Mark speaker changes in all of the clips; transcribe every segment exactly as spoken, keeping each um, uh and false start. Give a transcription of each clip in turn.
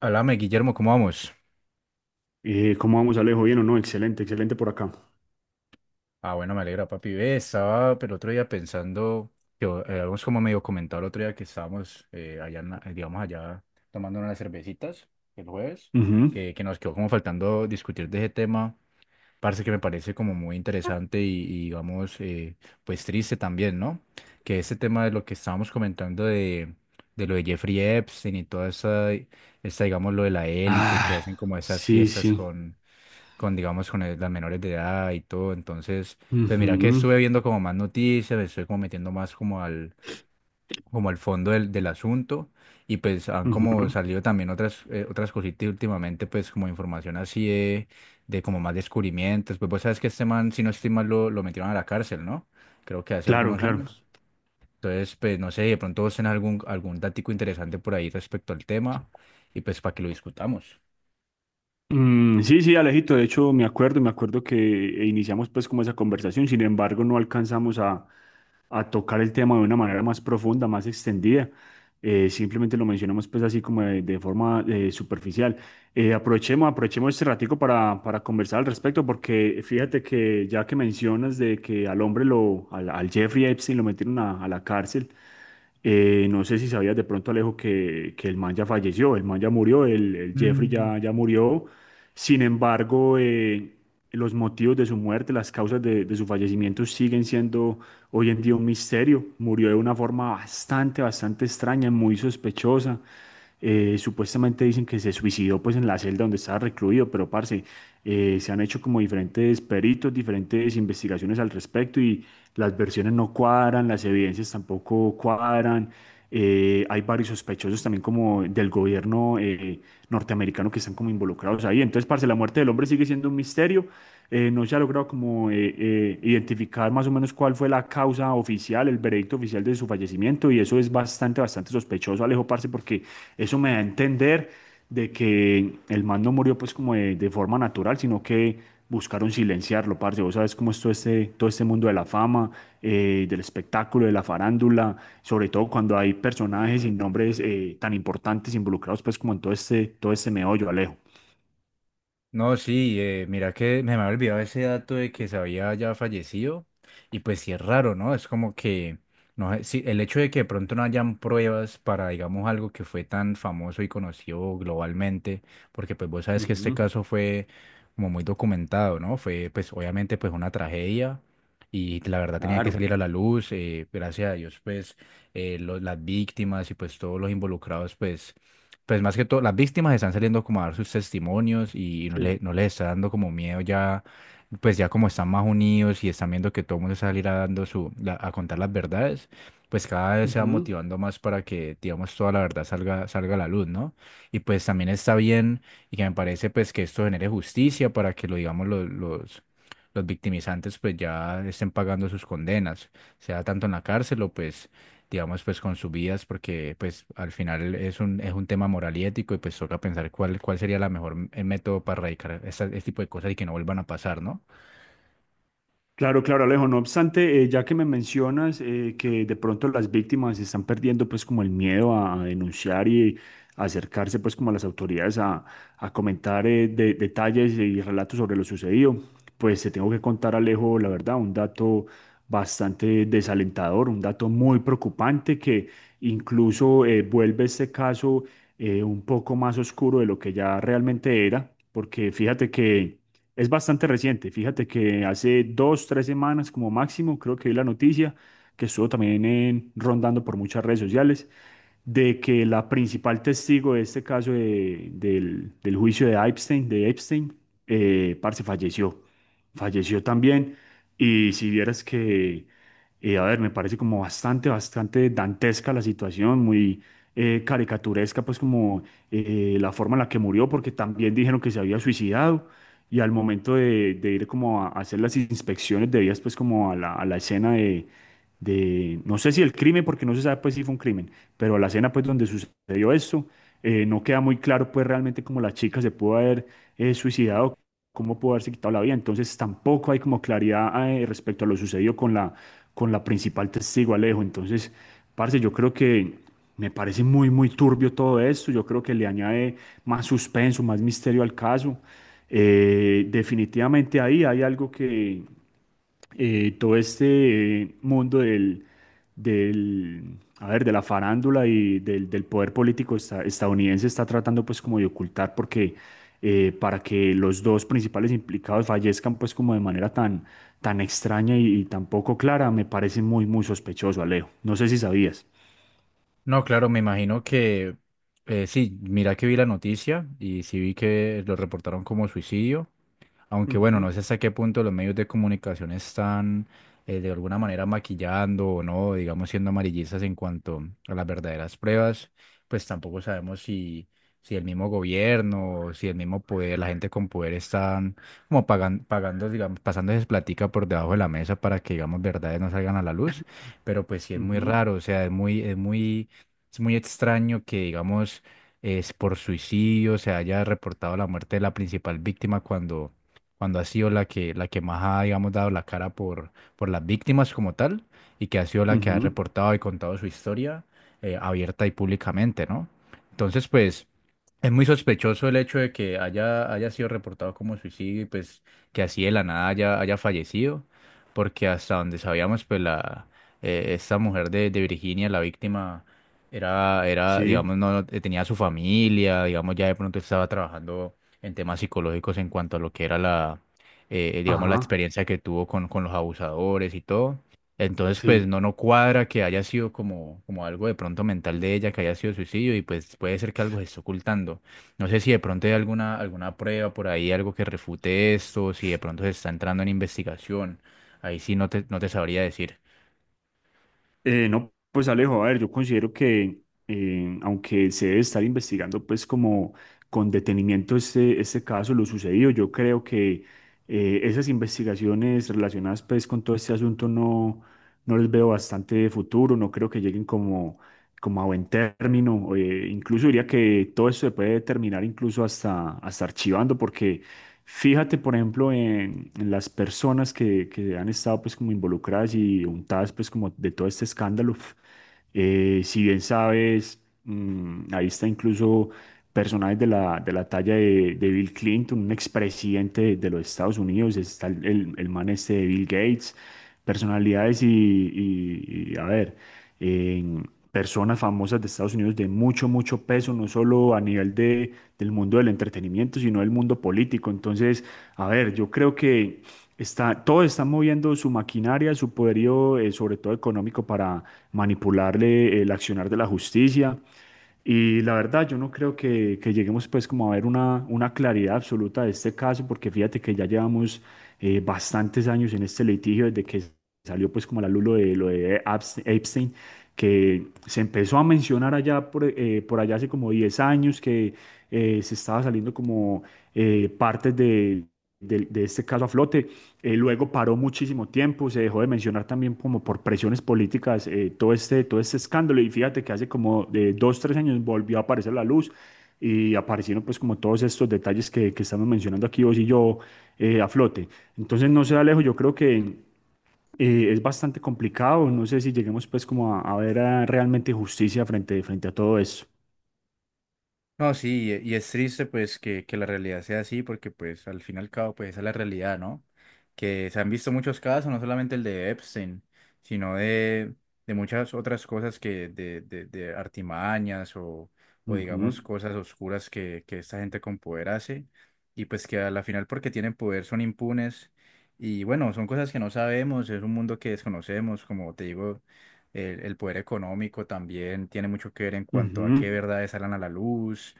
Speaker 1: Háblame, Guillermo, ¿cómo vamos?
Speaker 2: Eh, ¿cómo vamos, Alejo? ¿Bien o no? Excelente, excelente por acá.
Speaker 1: Ah, bueno, me alegra, papi. Ve, estaba pero otro día pensando, que eh, habíamos como medio comentado el otro día que estábamos eh, allá, en la- eh, digamos, allá tomando unas cervecitas el jueves,
Speaker 2: Ujú.
Speaker 1: que, que nos quedó como faltando discutir de ese tema, parce, que me parece como muy interesante y, y, digamos, eh, pues triste también, ¿no? Que ese tema de lo que estábamos comentando de, de lo de Jeffrey Epstein y toda esa, esa, digamos, lo de la élite que
Speaker 2: Ah,
Speaker 1: hacen como esas
Speaker 2: sí,
Speaker 1: fiestas
Speaker 2: sí.
Speaker 1: con con, digamos, con el- las menores de edad y todo. Entonces, pues mira que
Speaker 2: Ujú,
Speaker 1: estuve viendo como más noticias, me estoy como metiendo más como al, como al fondo del, del asunto y pues han como
Speaker 2: ujú.
Speaker 1: salido también otras, eh, otras cositas últimamente, pues como información así de, de como más descubrimientos. Pues vos sabes que este man, si no estoy mal, lo, lo metieron a la cárcel, ¿no? Creo que hace
Speaker 2: Claro,
Speaker 1: algunos
Speaker 2: claro.
Speaker 1: años. Entonces, pues no sé, de pronto vos tenés algún, algún datico interesante por ahí respecto al tema y pues para que lo discutamos.
Speaker 2: Mm, sí, sí, Alejito, de hecho me acuerdo, me acuerdo que iniciamos pues como esa conversación, sin embargo no alcanzamos a, a tocar el tema de una manera más profunda, más extendida. Eh, simplemente lo mencionamos pues así como de, de forma eh, superficial. Eh, aprovechemos, aprovechemos este ratico para, para conversar al respecto, porque fíjate que ya que mencionas de que al hombre lo, al, al Jeffrey Epstein lo metieron a, a la cárcel, eh, no sé si sabías de pronto, Alejo, que, que el man ya falleció, el man ya murió, el, el Jeffrey
Speaker 1: Mm.
Speaker 2: ya, ya murió. Sin embargo, eh, los motivos de su muerte, las causas de, de su fallecimiento siguen siendo hoy en día un misterio. Murió de una forma bastante, bastante extraña, muy sospechosa. Eh, supuestamente dicen que se suicidó pues en la celda donde estaba recluido, pero parce, eh, se han hecho como diferentes peritos, diferentes investigaciones al respecto y las versiones no cuadran, las evidencias tampoco cuadran. Eh, hay varios sospechosos también como del gobierno eh, norteamericano que están como involucrados ahí. Entonces, parce, la muerte del hombre sigue siendo un misterio. Eh, no se ha logrado como eh, eh, identificar más o menos cuál fue la causa oficial, el veredicto oficial de su fallecimiento y eso es bastante, bastante sospechoso, Alejo, parce, porque eso me da a entender de que el man no murió pues como de, de forma natural, sino que buscaron silenciarlo, parce. Vos sabes cómo es todo este, todo este mundo de la fama, eh, del espectáculo, de la farándula, sobre todo cuando hay personajes y nombres eh, tan importantes involucrados pues como en todo este, todo este meollo, Alejo.
Speaker 1: No, sí, eh, mira que me había olvidado ese dato de que se había ya fallecido y pues sí es raro, ¿no? Es como que, no sé, sí, el hecho de que de pronto no hayan pruebas para, digamos, algo que fue tan famoso y conocido globalmente, porque pues vos sabes que este
Speaker 2: Ujú.
Speaker 1: caso fue como muy documentado, ¿no? Fue pues obviamente pues una tragedia y la verdad tenía que
Speaker 2: Claro.
Speaker 1: salir a la luz, eh, gracias a Dios pues eh, lo- las víctimas y pues todos los involucrados pues pues más que todo, las víctimas están saliendo como a dar sus testimonios y no
Speaker 2: Sí.
Speaker 1: le, no les está dando como miedo ya, pues ya como están más unidos y están viendo que todo el mundo salirá dando su, la- a contar las verdades, pues cada vez se va
Speaker 2: Ujú.
Speaker 1: motivando más para que, digamos, toda la verdad salga, salga a la luz, ¿no? Y pues también está bien y que me parece pues que esto genere justicia para que lo, digamos, los, los, los victimizantes pues ya estén pagando sus condenas, sea tanto en la cárcel o pues digamos, pues con sus vidas, porque pues al final es un, es un tema moral y ético y pues toca pensar cuál, cuál sería la mejor m- el método para erradicar esta- este tipo de cosas y que no vuelvan a pasar, ¿no?
Speaker 2: Claro, claro, Alejo. No obstante, eh, ya que me mencionas eh, que de pronto las víctimas están perdiendo pues como el miedo a, a denunciar y a acercarse pues como a las autoridades a, a comentar eh, de- detalles y relatos sobre lo sucedido, pues te tengo que contar, Alejo, la verdad, un dato bastante desalentador, un dato muy preocupante que incluso eh, vuelve este caso eh, un poco más oscuro de lo que ya realmente era, porque fíjate que... Es bastante reciente. Fíjate que hace dos, tres semanas como máximo, creo que vi la noticia que estuvo también en- rondando por muchas redes sociales de que la principal testigo de este caso de- del, del juicio de Epstein, de Epstein, eh, parce, falleció. Falleció también. Y si vieras que, eh, a ver, me parece como bastante, bastante dantesca la situación, muy eh, caricaturesca, pues como eh, la forma en la que murió, porque también dijeron que se había suicidado y al momento de, de ir como a hacer las inspecciones debidas pues como a la, a la escena de, de, no sé si el crimen, porque no se sabe pues si fue un crimen, pero a la escena pues donde sucedió esto, eh, no queda muy claro pues realmente como la chica se pudo haber eh, suicidado, cómo pudo haberse quitado la vida. Entonces tampoco hay como claridad eh, respecto a lo sucedido con la, con la principal testigo, Alejo. Entonces, parce, yo creo que me parece muy, muy turbio todo esto. Yo creo que le añade más suspenso, más misterio al caso. Eh, definitivamente ahí hay algo que eh, todo este eh, mundo del, del, a ver, de la farándula y del, del poder político esta- estadounidense está tratando pues como de ocultar porque eh, para que los dos principales implicados fallezcan pues como de manera tan, tan extraña y, y tan poco clara, me parece muy, muy sospechoso, Alejo. No sé si sabías.
Speaker 1: No, claro, me imagino que eh, sí, mira que vi la noticia y sí vi que lo reportaron como suicidio. Aunque bueno,
Speaker 2: Ujú,
Speaker 1: no sé hasta qué punto los medios de comunicación están eh, de alguna manera maquillando o no, digamos siendo amarillistas en cuanto a las verdaderas pruebas, pues tampoco sabemos si, si el mismo gobierno, si el mismo poder, la gente con poder están como pagan- pagando, digamos, pasándoles platica por debajo de la mesa para que, digamos, verdades no salgan a la luz, pero pues sí es muy
Speaker 2: ujú,
Speaker 1: raro, o sea, es muy, es muy, es muy extraño que, digamos, es por suicidio se haya reportado la muerte de la principal víctima cuando cuando ha sido la que, la que más ha, digamos, dado la cara por, por las víctimas como tal, y que ha sido la que ha
Speaker 2: ujú.
Speaker 1: reportado y contado su historia eh, abierta y públicamente, ¿no? Entonces, pues, es muy sospechoso el hecho de que haya, haya sido reportado como suicidio y pues que así de la nada haya, haya fallecido, porque hasta donde sabíamos, pues, la, eh, esta mujer de, de Virginia, la víctima, era, era, digamos,
Speaker 2: Sí,
Speaker 1: no eh, tenía su familia, digamos, ya de pronto estaba trabajando en temas psicológicos en cuanto a lo que era la, eh, digamos, la
Speaker 2: ajá,
Speaker 1: experiencia que tuvo con, con los abusadores y todo. Entonces, pues
Speaker 2: sí.
Speaker 1: no, no cuadra que haya sido como, como algo de pronto mental de ella, que haya sido suicidio y pues puede ser que algo se esté ocultando. No sé si de pronto hay alguna, alguna prueba por ahí, algo que refute esto, si de pronto se está entrando en investigación. Ahí sí no te, no te sabría decir.
Speaker 2: Eh, no, pues Alejo, a ver, yo considero que eh, aunque se debe estar investigando pues como con detenimiento este, este caso, lo sucedido, yo creo que eh, esas investigaciones relacionadas pues con todo este asunto no, no les veo bastante futuro, no creo que lleguen como como a buen término. Eh, incluso diría que todo eso se puede terminar incluso hasta, hasta archivando, porque fíjate, por ejemplo, en, en las personas que, que han estado pues como involucradas y untadas pues como de todo este escándalo. Eh, si bien sabes, mm, ahí está incluso personajes de la, de la talla de, de Bill Clinton, un expresidente de, de los Estados Unidos, está el, el, el man este de Bill Gates, personalidades y, y- y, a ver, personas famosas de Estados Unidos de mucho, mucho peso, no solo a nivel de, del mundo del entretenimiento, sino del mundo político. Entonces, a ver, yo creo que está, todos están moviendo su maquinaria, su poderío, eh, sobre todo económico, para manipularle el accionar de la justicia. Y la verdad, yo no creo que, que lleguemos pues como a ver una, una claridad absoluta de este caso, porque fíjate que ya llevamos eh, bastantes años en este litigio desde que salió pues como a la luz lo de, lo de Epstein, que se empezó a mencionar allá por, eh, por allá hace como diez años, que eh, se estaba saliendo como eh, partes de, del- de este caso a flote. Eh, luego paró muchísimo tiempo, se dejó de mencionar también como por presiones políticas eh, todo este, todo este escándalo y fíjate que hace como de dos, tres años volvió a aparecer la luz. Y aparecieron pues como todos estos detalles que, que estamos mencionando aquí vos y yo eh, a flote. Entonces no sé, Alejo, yo creo que eh, es bastante complicado. No sé si lleguemos pues como a, a ver eh, realmente justicia frente, frente a todo eso.
Speaker 1: No, sí, y y es triste pues que, que la realidad sea así, porque pues al fin y al cabo pues esa es la realidad, ¿no? Que se han visto muchos casos, no solamente el de Epstein, sino de, de muchas otras cosas que de, de, de artimañas o, o
Speaker 2: Ujú,
Speaker 1: digamos cosas oscuras que, que esta gente con poder hace y pues que a la final porque tienen poder son impunes y bueno, son cosas que no sabemos, es un mundo que desconocemos, como te digo, el, el poder económico también tiene mucho que ver en cuanto a qué
Speaker 2: ujú,
Speaker 1: verdades salen a la luz.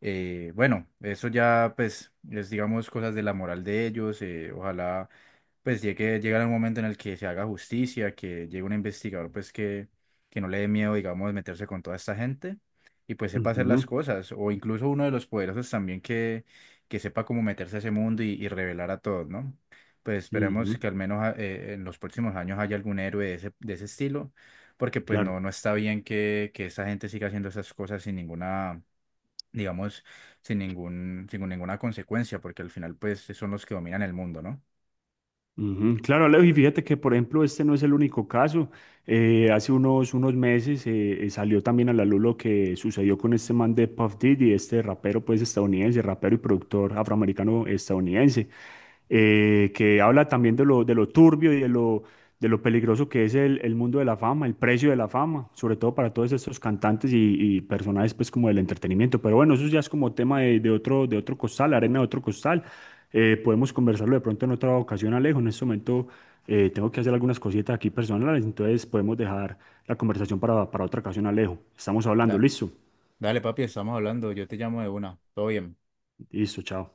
Speaker 1: eh, Bueno, eso ya pues es digamos cosas de la moral de ellos. Eh, ojalá pues llegue, llegar un momento en el que se haga justicia, que llegue un investigador pues que, que no le dé miedo digamos meterse con toda esta gente y pues sepa hacer
Speaker 2: ujú,
Speaker 1: las cosas. O incluso uno de los poderosos también que, que sepa cómo meterse a ese mundo y, y revelar a todos, ¿no? Pues esperemos
Speaker 2: ujú,
Speaker 1: que al menos ah, eh, en los próximos años haya algún héroe de ese, de ese estilo, porque pues no,
Speaker 2: claro.
Speaker 1: no está bien que, que esa gente siga haciendo esas cosas sin ninguna digamos, sin ningún, sin ninguna consecuencia, porque al final, pues, son los que dominan el mundo, ¿no?
Speaker 2: Ujú. Claro, Alejo, y fíjate que, por ejemplo, este no es el único caso. Eh, hace unos, unos meses eh, eh, salió también a la luz lo que sucedió con este man de Puff Daddy, este rapero pues estadounidense, rapero y productor afroamericano estadounidense, eh, que habla también de lo, de lo turbio y de lo, de lo peligroso que es el, el mundo de la fama, el precio de la fama, sobre todo para todos estos cantantes y, y personajes pues como del entretenimiento. Pero bueno, eso ya es como tema de, de otro, de otro costal, arena de otro costal. Eh, podemos conversarlo de pronto en otra ocasión, Alejo. En este momento eh, tengo que hacer algunas cositas aquí personales, entonces podemos dejar la conversación para, para otra ocasión, Alejo. Estamos hablando,
Speaker 1: Da-
Speaker 2: listo.
Speaker 1: Dale, papi, estamos hablando. Yo te llamo de una. Todo bien.
Speaker 2: Listo, chao.